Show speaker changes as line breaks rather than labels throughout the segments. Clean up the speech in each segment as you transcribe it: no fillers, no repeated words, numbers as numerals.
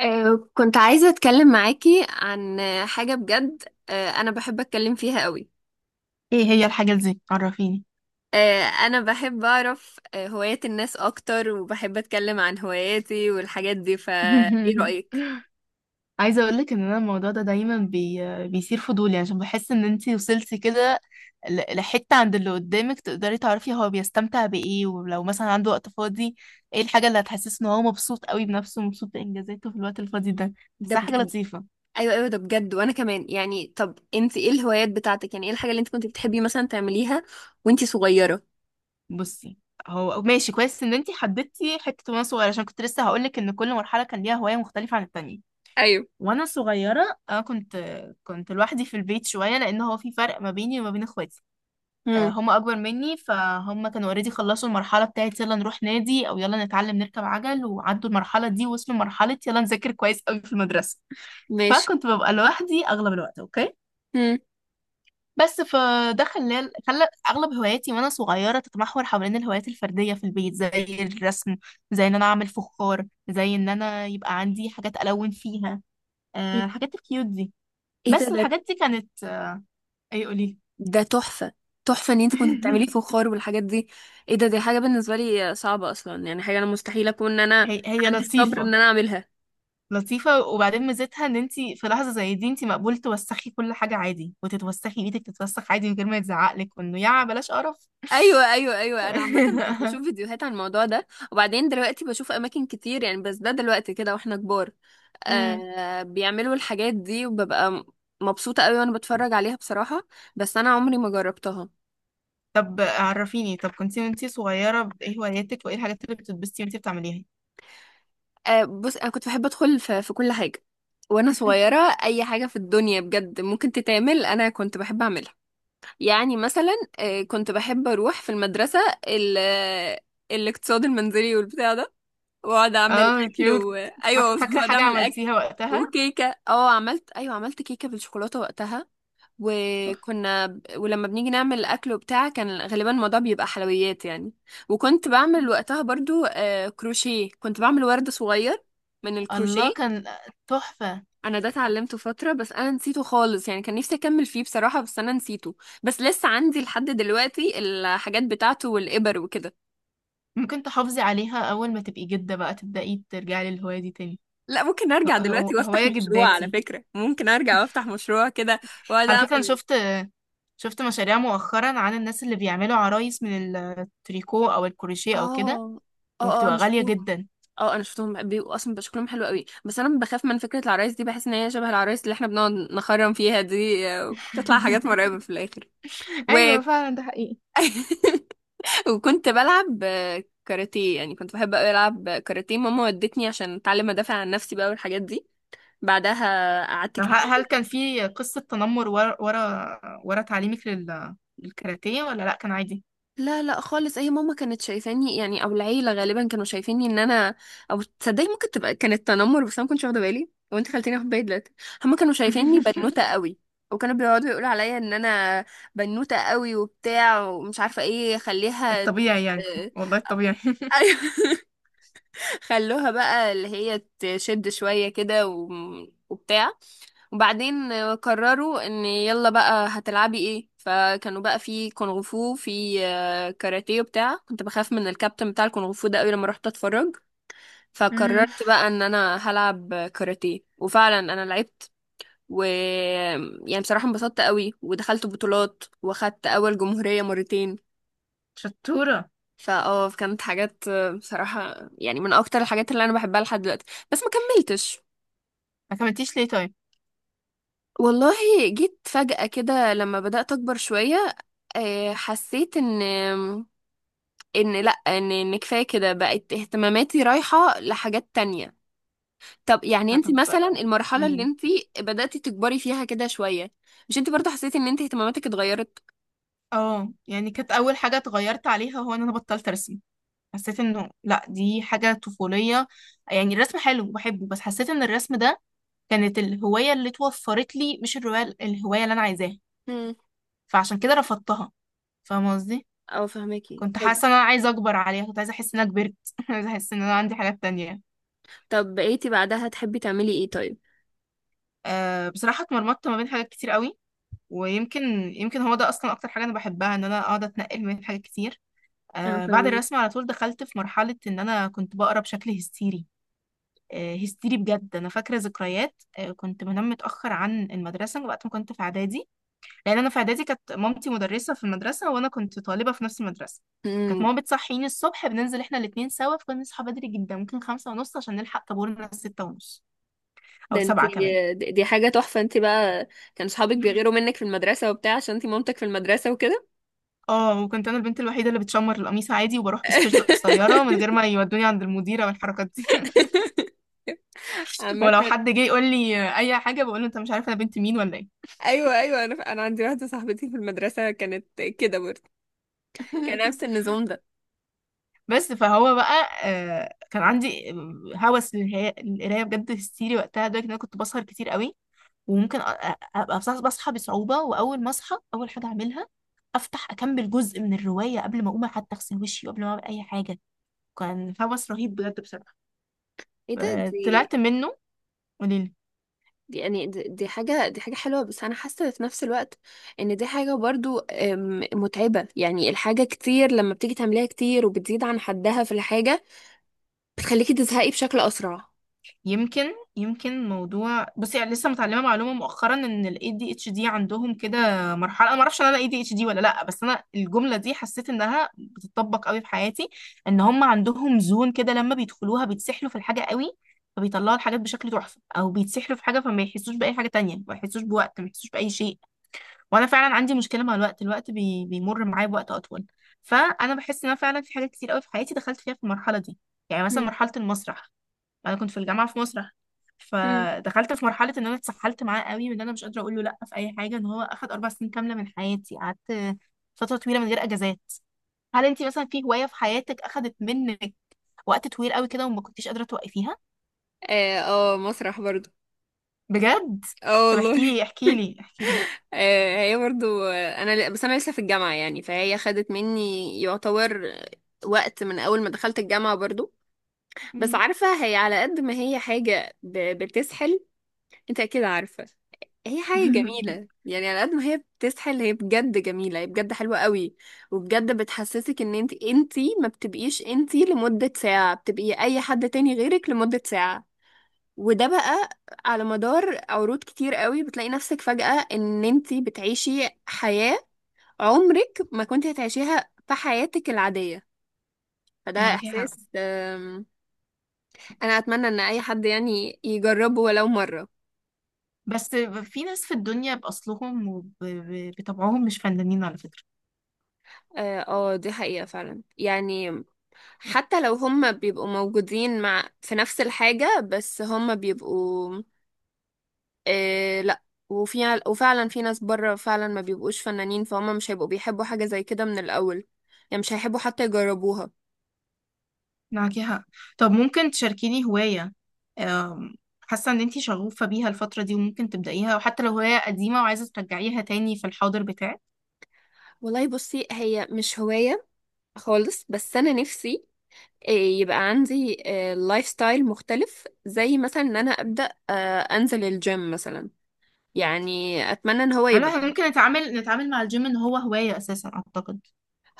كنت عايزة أتكلم معاكي عن حاجة بجد. أنا بحب أتكلم فيها قوي.
ايه هي الحاجة دي، عرفيني.
أنا بحب أعرف هوايات الناس أكتر وبحب أتكلم عن هواياتي والحاجات دي، فإيه رأيك؟
عايزة اقولك ان انا الموضوع ده دايما بيثير فضولي، عشان بحس ان انتي وصلتي كده لحتة عند اللي قدامك، تقدري تعرفي هو بيستمتع بايه، ولو مثلا عنده وقت فاضي، ايه الحاجة اللي هتحسسه ان هو مبسوط قوي بنفسه ومبسوط بانجازاته في الوقت الفاضي ده.
ده
بحسها حاجة
بجد.
لطيفة.
أيوة أيوة، ده بجد. وأنا كمان يعني، طب أنت إيه الهوايات بتاعتك؟ يعني إيه الحاجة اللي أنت كنت بتحبي مثلا تعمليها وأنت صغيرة؟
بصي، هو ماشي كويس ان انتي حددتي حتة وانا صغيرة، عشان كنت لسه هقولك ان كل مرحلة كان ليها هواية مختلفة عن التانية.
ايوه.
وانا صغيره، كنت لوحدي في البيت شويه، لان هو في فرق ما بيني وما بين اخواتي.
امم.
هم اكبر مني، فهم كانوا اوريدي خلصوا المرحله بتاعت يلا نروح نادي او يلا نتعلم نركب عجل، وعدوا المرحله دي وصلوا مرحله يلا نذاكر كويس قوي في المدرسه.
ماشي.
فكنت ببقى لوحدي اغلب الوقت. اوكي،
امم.
بس فده خلى اغلب هواياتي وانا صغيره تتمحور حوالين الهوايات الفرديه في البيت، زي الرسم، زي ان انا اعمل فخار، زي ان انا يبقى عندي حاجات الون فيها،
إيه،
الحاجات الكيوت دي.
إيه ده
بس
ده
الحاجات دي كانت، اي قولي.
ده تحفة. تحفة ان انت كنت بتعملي فخار والحاجات دي. ايه ده، دي حاجة بالنسبة لي صعبة اصلا، يعني حاجة انا مستحيل اكون ان انا
هي
عندي الصبر
لطيفة.
ان انا اعملها.
لطيفة، وبعدين ميزتها ان انت في لحظة زي دي انت مقبول توسخي كل حاجة عادي، وتتوسخي ايدك تتوسخ عادي من غير ما يتزعقلك وانه يا بلاش قرف.
ايوه ايوه ايوه، انا عامة كنت بشوف فيديوهات عن الموضوع ده، وبعدين دلوقتي بشوف اماكن كتير يعني، بس ده دلوقتي كده واحنا كبار
امم
آه بيعملوا الحاجات دي، وببقى مبسوطة قوي وانا بتفرج عليها بصراحة. بس انا عمري ما جربتها.
طب عرفيني، طب كنتي وانتي صغيرة ايه هواياتك وايه الحاجات اللي بتتبسطي وانتي بتعمليها؟
آه، بص انا كنت بحب ادخل في كل حاجة وانا صغيرة. اي حاجة في الدنيا بجد ممكن تتعمل انا كنت بحب اعملها. يعني مثلا كنت بحب اروح في المدرسه ال- آه، الاقتصاد المنزلي والبتاع ده، واقعد اعمل
اه
اكل
كيوت.
و... ايوه
فاكرة
واقعد
حاجة
اعمل اكل
عملتيها وقتها؟
وكيكه. اه، عملت. ايوه، عملت كيكه بالشوكولاته وقتها.
تحفة.
ولما بنيجي نعمل اكل وبتاع كان غالبا الموضوع بيبقى حلويات يعني. وكنت بعمل وقتها برضو كروشيه، كنت بعمل ورد صغير من الكروشيه.
الله، كان تحفة.
انا ده اتعلمته فتره بس انا نسيته خالص، يعني كان نفسي اكمل فيه بصراحه بس انا نسيته. بس لسه عندي لحد دلوقتي الحاجات بتاعته والابر وكده.
ممكن تحافظي عليها، أول ما تبقي جدة بقى تبدأي ترجعي للهواية دي تاني.
لا، ممكن ارجع دلوقتي وافتح
هواية
مشروع، على
جداتي.
فكره ممكن ارجع وافتح مشروع كده واقعد
على فكرة أنا
اعمل.
شفت مشاريع مؤخرا عن الناس اللي بيعملوا عرايس من التريكو أو الكروشيه أو كده،
اه اه، اه
وبتبقى
انا
غالية
شفتهم.
جدا.
اه انا شفتهم بيبقوا اصلا، بيبقى شكلهم حلو قوي، بس انا بخاف من فكره العرايس دي، بحس ان هي شبه العرايس اللي احنا بنقعد نخرم فيها دي، بتطلع حاجات مرعبه في الاخر.
ايوه فعلا، ده حقيقي.
وكنت بلعب كاراتيه، يعني كنت بحب أوي ألعب كاراتيه. ماما ودتني عشان أتعلم أدافع عن نفسي بقى والحاجات دي. بعدها قعدت
طب
كتير.
هل كان في قصة تنمر ورا تعليمك للكاراتيه، ولا لأ كان عادي؟
لا لا خالص، هي ماما كانت شايفاني يعني، أو العيلة غالبا كانوا شايفيني إن أنا، أو تصدقي ممكن تبقى كانت تنمر بس أنا ما كنتش واخدة بالي، وأنت خلتيني آخد بالي دلوقتي. هما كانوا شايفيني بنوتة قوي، وكانوا بيقعدوا يقولوا عليا إن أنا بنوتة قوي وبتاع ومش عارفة إيه، خليها
الطبيعي يعني.
آه،
والله الطبيعي.
ايوه. خلوها بقى اللي هي تشد شوية كده و... وبتاع. وبعدين قرروا ان يلا بقى هتلعبي ايه، فكانوا بقى في كونغ فو في كاراتيه وبتاع. كنت بخاف من الكابتن بتاع الكونغ فو ده قوي لما رحت اتفرج،
أمم.
فقررت بقى ان انا هلعب كاراتيه، وفعلا انا لعبت. و يعني بصراحة انبسطت قوي ودخلت بطولات واخدت اول جمهورية مرتين.
شطورة.
فاه كانت حاجات بصراحة يعني من اكتر الحاجات اللي انا بحبها لحد دلوقتي، بس ما كملتش.
ما كملتيش ليه طيب؟
والله جيت فجأة كده لما بدأت أكبر شوية، حسيت إن، إن لأ إن إن كفاية كده، بقت اهتماماتي رايحة لحاجات تانية. طب يعني أنت
طب
مثلا المرحلة اللي
قوليلي.
أنت بدأتي تكبري فيها كده شوية، مش أنت برضه حسيتي إن أنت اهتماماتك اتغيرت؟
اه يعني كانت أول حاجة اتغيرت عليها هو إن أنا بطلت أرسم. حسيت انه لا، دي حاجة طفولية. يعني الرسم حلو وبحبه، بس حسيت ان الرسم ده كانت الهواية اللي توفرت لي، مش الرواية الهواية اللي انا عايزاها.
مم.
فعشان كده رفضتها، فاهمة قصدي؟
أه فهماكي.
كنت
طب
حاسة ان انا عايزة اكبر عليها، كنت عايزة احس ان انا كبرت. عايزة احس ان انا عندي حاجات تانية.
طب بقيتي بعدها تحبي تعملي إيه طيب؟
أه بصراحة اتمرمطت ما بين حاجات كتير قوي. ويمكن، هو ده اصلا اكتر حاجة انا بحبها، ان انا اقعد اتنقل ما بين حاجات كتير.
أه
أه بعد
فهماكي.
الرسم على طول دخلت في مرحلة ان انا كنت بقرا بشكل هستيري. هستيري بجد. انا فاكره ذكريات، كنت بنام متاخر عن المدرسه وقت ما كنت في اعدادي. لان انا في اعدادي كانت مامتي مدرسه في المدرسه، وانا كنت طالبه في نفس المدرسه. كانت
امم.
ماما بتصحيني الصبح، بننزل احنا الاتنين سوا، فكنا نصحى بدري جدا، ممكن 5:30 عشان نلحق طابورنا 6:30 او
ده انت،
7 كمان.
دي حاجة تحفة انت بقى. كان صحابك بيغيروا منك في المدرسة وبتاع عشان انت مامتك في المدرسة وكده.
اه وكنت انا البنت الوحيده اللي بتشمر القميص عادي وبروح بسكيرت قصيره من غير ما يودوني عند المديره والحركات دي.
عامة
ولو حد جه يقول لي اي حاجه بقول له انت مش عارف انا بنت مين ولا ايه؟
ايوه ايوه، انا ف... انا عندي واحده صاحبتي في المدرسه كانت كده برضه، كان نفس النظام ده.
بس فهو بقى، كان عندي هوس للقرايه بجد، هستيري وقتها، لدرجه ان انا كنت بسهر كتير قوي. وممكن ابقى بصحى بصعوبه، واول ما اصحى اول حاجه اعملها افتح اكمل جزء من الروايه قبل ما اقوم حتى اغسل وشي وقبل ما اعمل اي حاجه. كان هوس رهيب بجد بصراحه.
ايه ده، دي،
طلعت منه.
دي حاجة، دي حاجة حلوة، بس أنا حاسة في نفس الوقت إن دي حاجة برضو متعبة. يعني الحاجة كتير لما بتيجي تعمليها كتير وبتزيد عن حدها في الحاجة، بتخليكي تزهقي بشكل أسرع.
يمكن، موضوع، بصي، يعني لسه متعلمه معلومه مؤخرا ان ال ADHD عندهم كده مرحله. انا ما اعرفش ان انا ADHD ولا لا، بس انا الجمله دي حسيت انها بتطبق قوي في حياتي. ان هم عندهم زون كده لما بيدخلوها بيتسحلوا في الحاجه قوي، فبيطلعوا الحاجات بشكل تحفه، او بيتسحلوا في حاجه فما يحسوش باي حاجه تانية، ما يحسوش بوقت، ما يحسوش باي شيء. وانا فعلا عندي مشكله مع الوقت. الوقت بيمر معايا بوقت اطول. فانا بحس ان انا فعلا في حاجات كتير قوي في حياتي دخلت فيها في المرحله دي. يعني مثلا
مم.
مرحله المسرح، انا كنت في الجامعه في مسرح،
مم.
فدخلت في مرحله ان انا اتسحلت معاه قوي من ان انا مش قادره اقول له لا في اي حاجه، ان هو اخد 4 سنين كامله من حياتي. قعدت فتره طويله من غير اجازات. هل انت مثلا في هوايه في حياتك اخدت منك وقت طويل قوي كده وما كنتيش قادره توقفيها؟
اه مسرح برضه.
بجد
اه
طب احكي
والله
لي احكي لي احكي لي.
آه هي برضه، بس انا لسه في الجامعه يعني، فهي خدت مني يعتبر وقت من اول ما دخلت الجامعه برضه. بس
مم.
عارفة هي على قد ما هي حاجة ب... بتسحل، انت اكيد عارفة، هي حاجة جميلة، يعني على قد ما هي بتسحل هي بجد جميلة، هي بجد حلوة قوي. وبجد بتحسسك ان انت ما بتبقيش انت لمدة ساعة، بتبقي اي حد تاني غيرك لمدة ساعة. وده بقى على مدار عروض كتير قوي بتلاقي نفسك فجأة ان انت بتعيشي حياة عمرك ما كنت هتعيشيها في حياتك العادية. فده
معاكي حق.
احساس انا اتمنى ان اي حد يعني يجربه ولو مره.
بس في ناس في الدنيا بأصلهم وبطبعهم مش فنانين على فكرة.
اه، دي حقيقه فعلا يعني. حتى لو هم بيبقوا موجودين مع في نفس الحاجه، بس هم بيبقوا آه لا، وفي، وفعلا في ناس بره فعلا ما بيبقوش فنانين، فهم مش هيبقوا بيحبوا حاجه زي كده من الاول، يعني مش هيحبوا حتى يجربوها.
معاكي حق. طب ممكن تشاركيني هواية، أم، حاسة ان انتي شغوفة بيها الفترة دي وممكن تبدأيها، وحتى لو هواية قديمة وعايزة ترجعيها تاني في الحاضر بتاعك؟
والله بصي، هي مش هوايه خالص، بس انا نفسي يبقى عندي لايف ستايل مختلف، زي مثلا ان انا ابدا انزل الجيم مثلا. يعني اتمنى ان هو
انا،
يبقى،
إحنا ممكن نتعامل مع الجيم ان هو هواية اساسا اعتقد.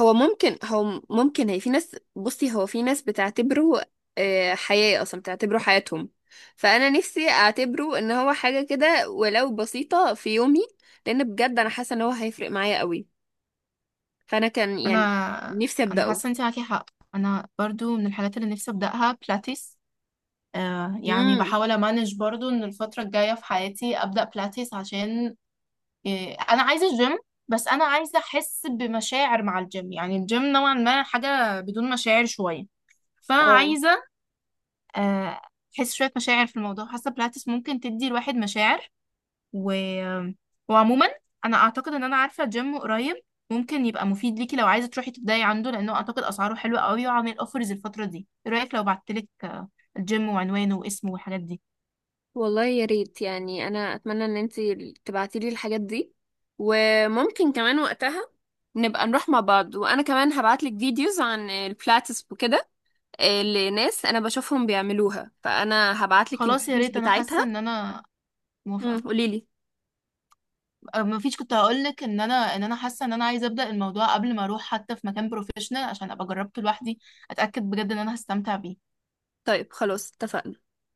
هو ممكن هو ممكن هي في ناس، بصي هو في ناس بتعتبره حياة اصلا، بتعتبره حياتهم. فانا نفسي اعتبره ان هو حاجة كده ولو بسيطة في يومي، لان بجد انا حاسة ان هو هيفرق معايا قوي. فانا كان يعني
انا
نفسي
انا
ابدأه.
حاسة انتي معاكي حق. انا برضو من الحاجات اللي نفسي ابدأها بلاتيس. آه يعني
امم.
بحاول امانج برضو ان الفترة الجاية في حياتي ابدأ بلاتيس، عشان إيه، انا عايزه الجيم. بس انا عايزه احس بمشاعر مع الجيم، يعني الجيم نوعا ما حاجه بدون مشاعر شويه، فانا
اه
عايزه آه، احس شويه مشاعر في الموضوع. حاسه بلاتس ممكن تدي الواحد مشاعر. و... آه، وعموما انا اعتقد ان انا عارفه جيم قريب ممكن يبقى مفيد ليكي لو عايزه تروحي تبداي عنده، لانه اعتقد اسعاره حلوه قوي وعامل اوفرز الفتره دي. ايه رايك لو بعتلك الجيم وعنوانه واسمه والحاجات دي؟
والله يا ريت، يعني انا اتمنى ان انتي تبعتي لي الحاجات دي، وممكن كمان وقتها نبقى نروح مع بعض، وانا كمان هبعت لك فيديوز عن البلاتس وكده، لناس انا بشوفهم بيعملوها فانا هبعتلك
خلاص يا
الفيديوز
ريت. انا حاسه
بتاعتها.
ان انا موافقه.
قوليلي.
ما فيش، كنت هقول لك ان انا حاسه ان انا عايزه ابدا الموضوع قبل ما اروح حتى في مكان بروفيشنال، عشان ابقى جربته لوحدي اتاكد بجد ان انا هستمتع بيه.
طيب خلاص، اتفقنا.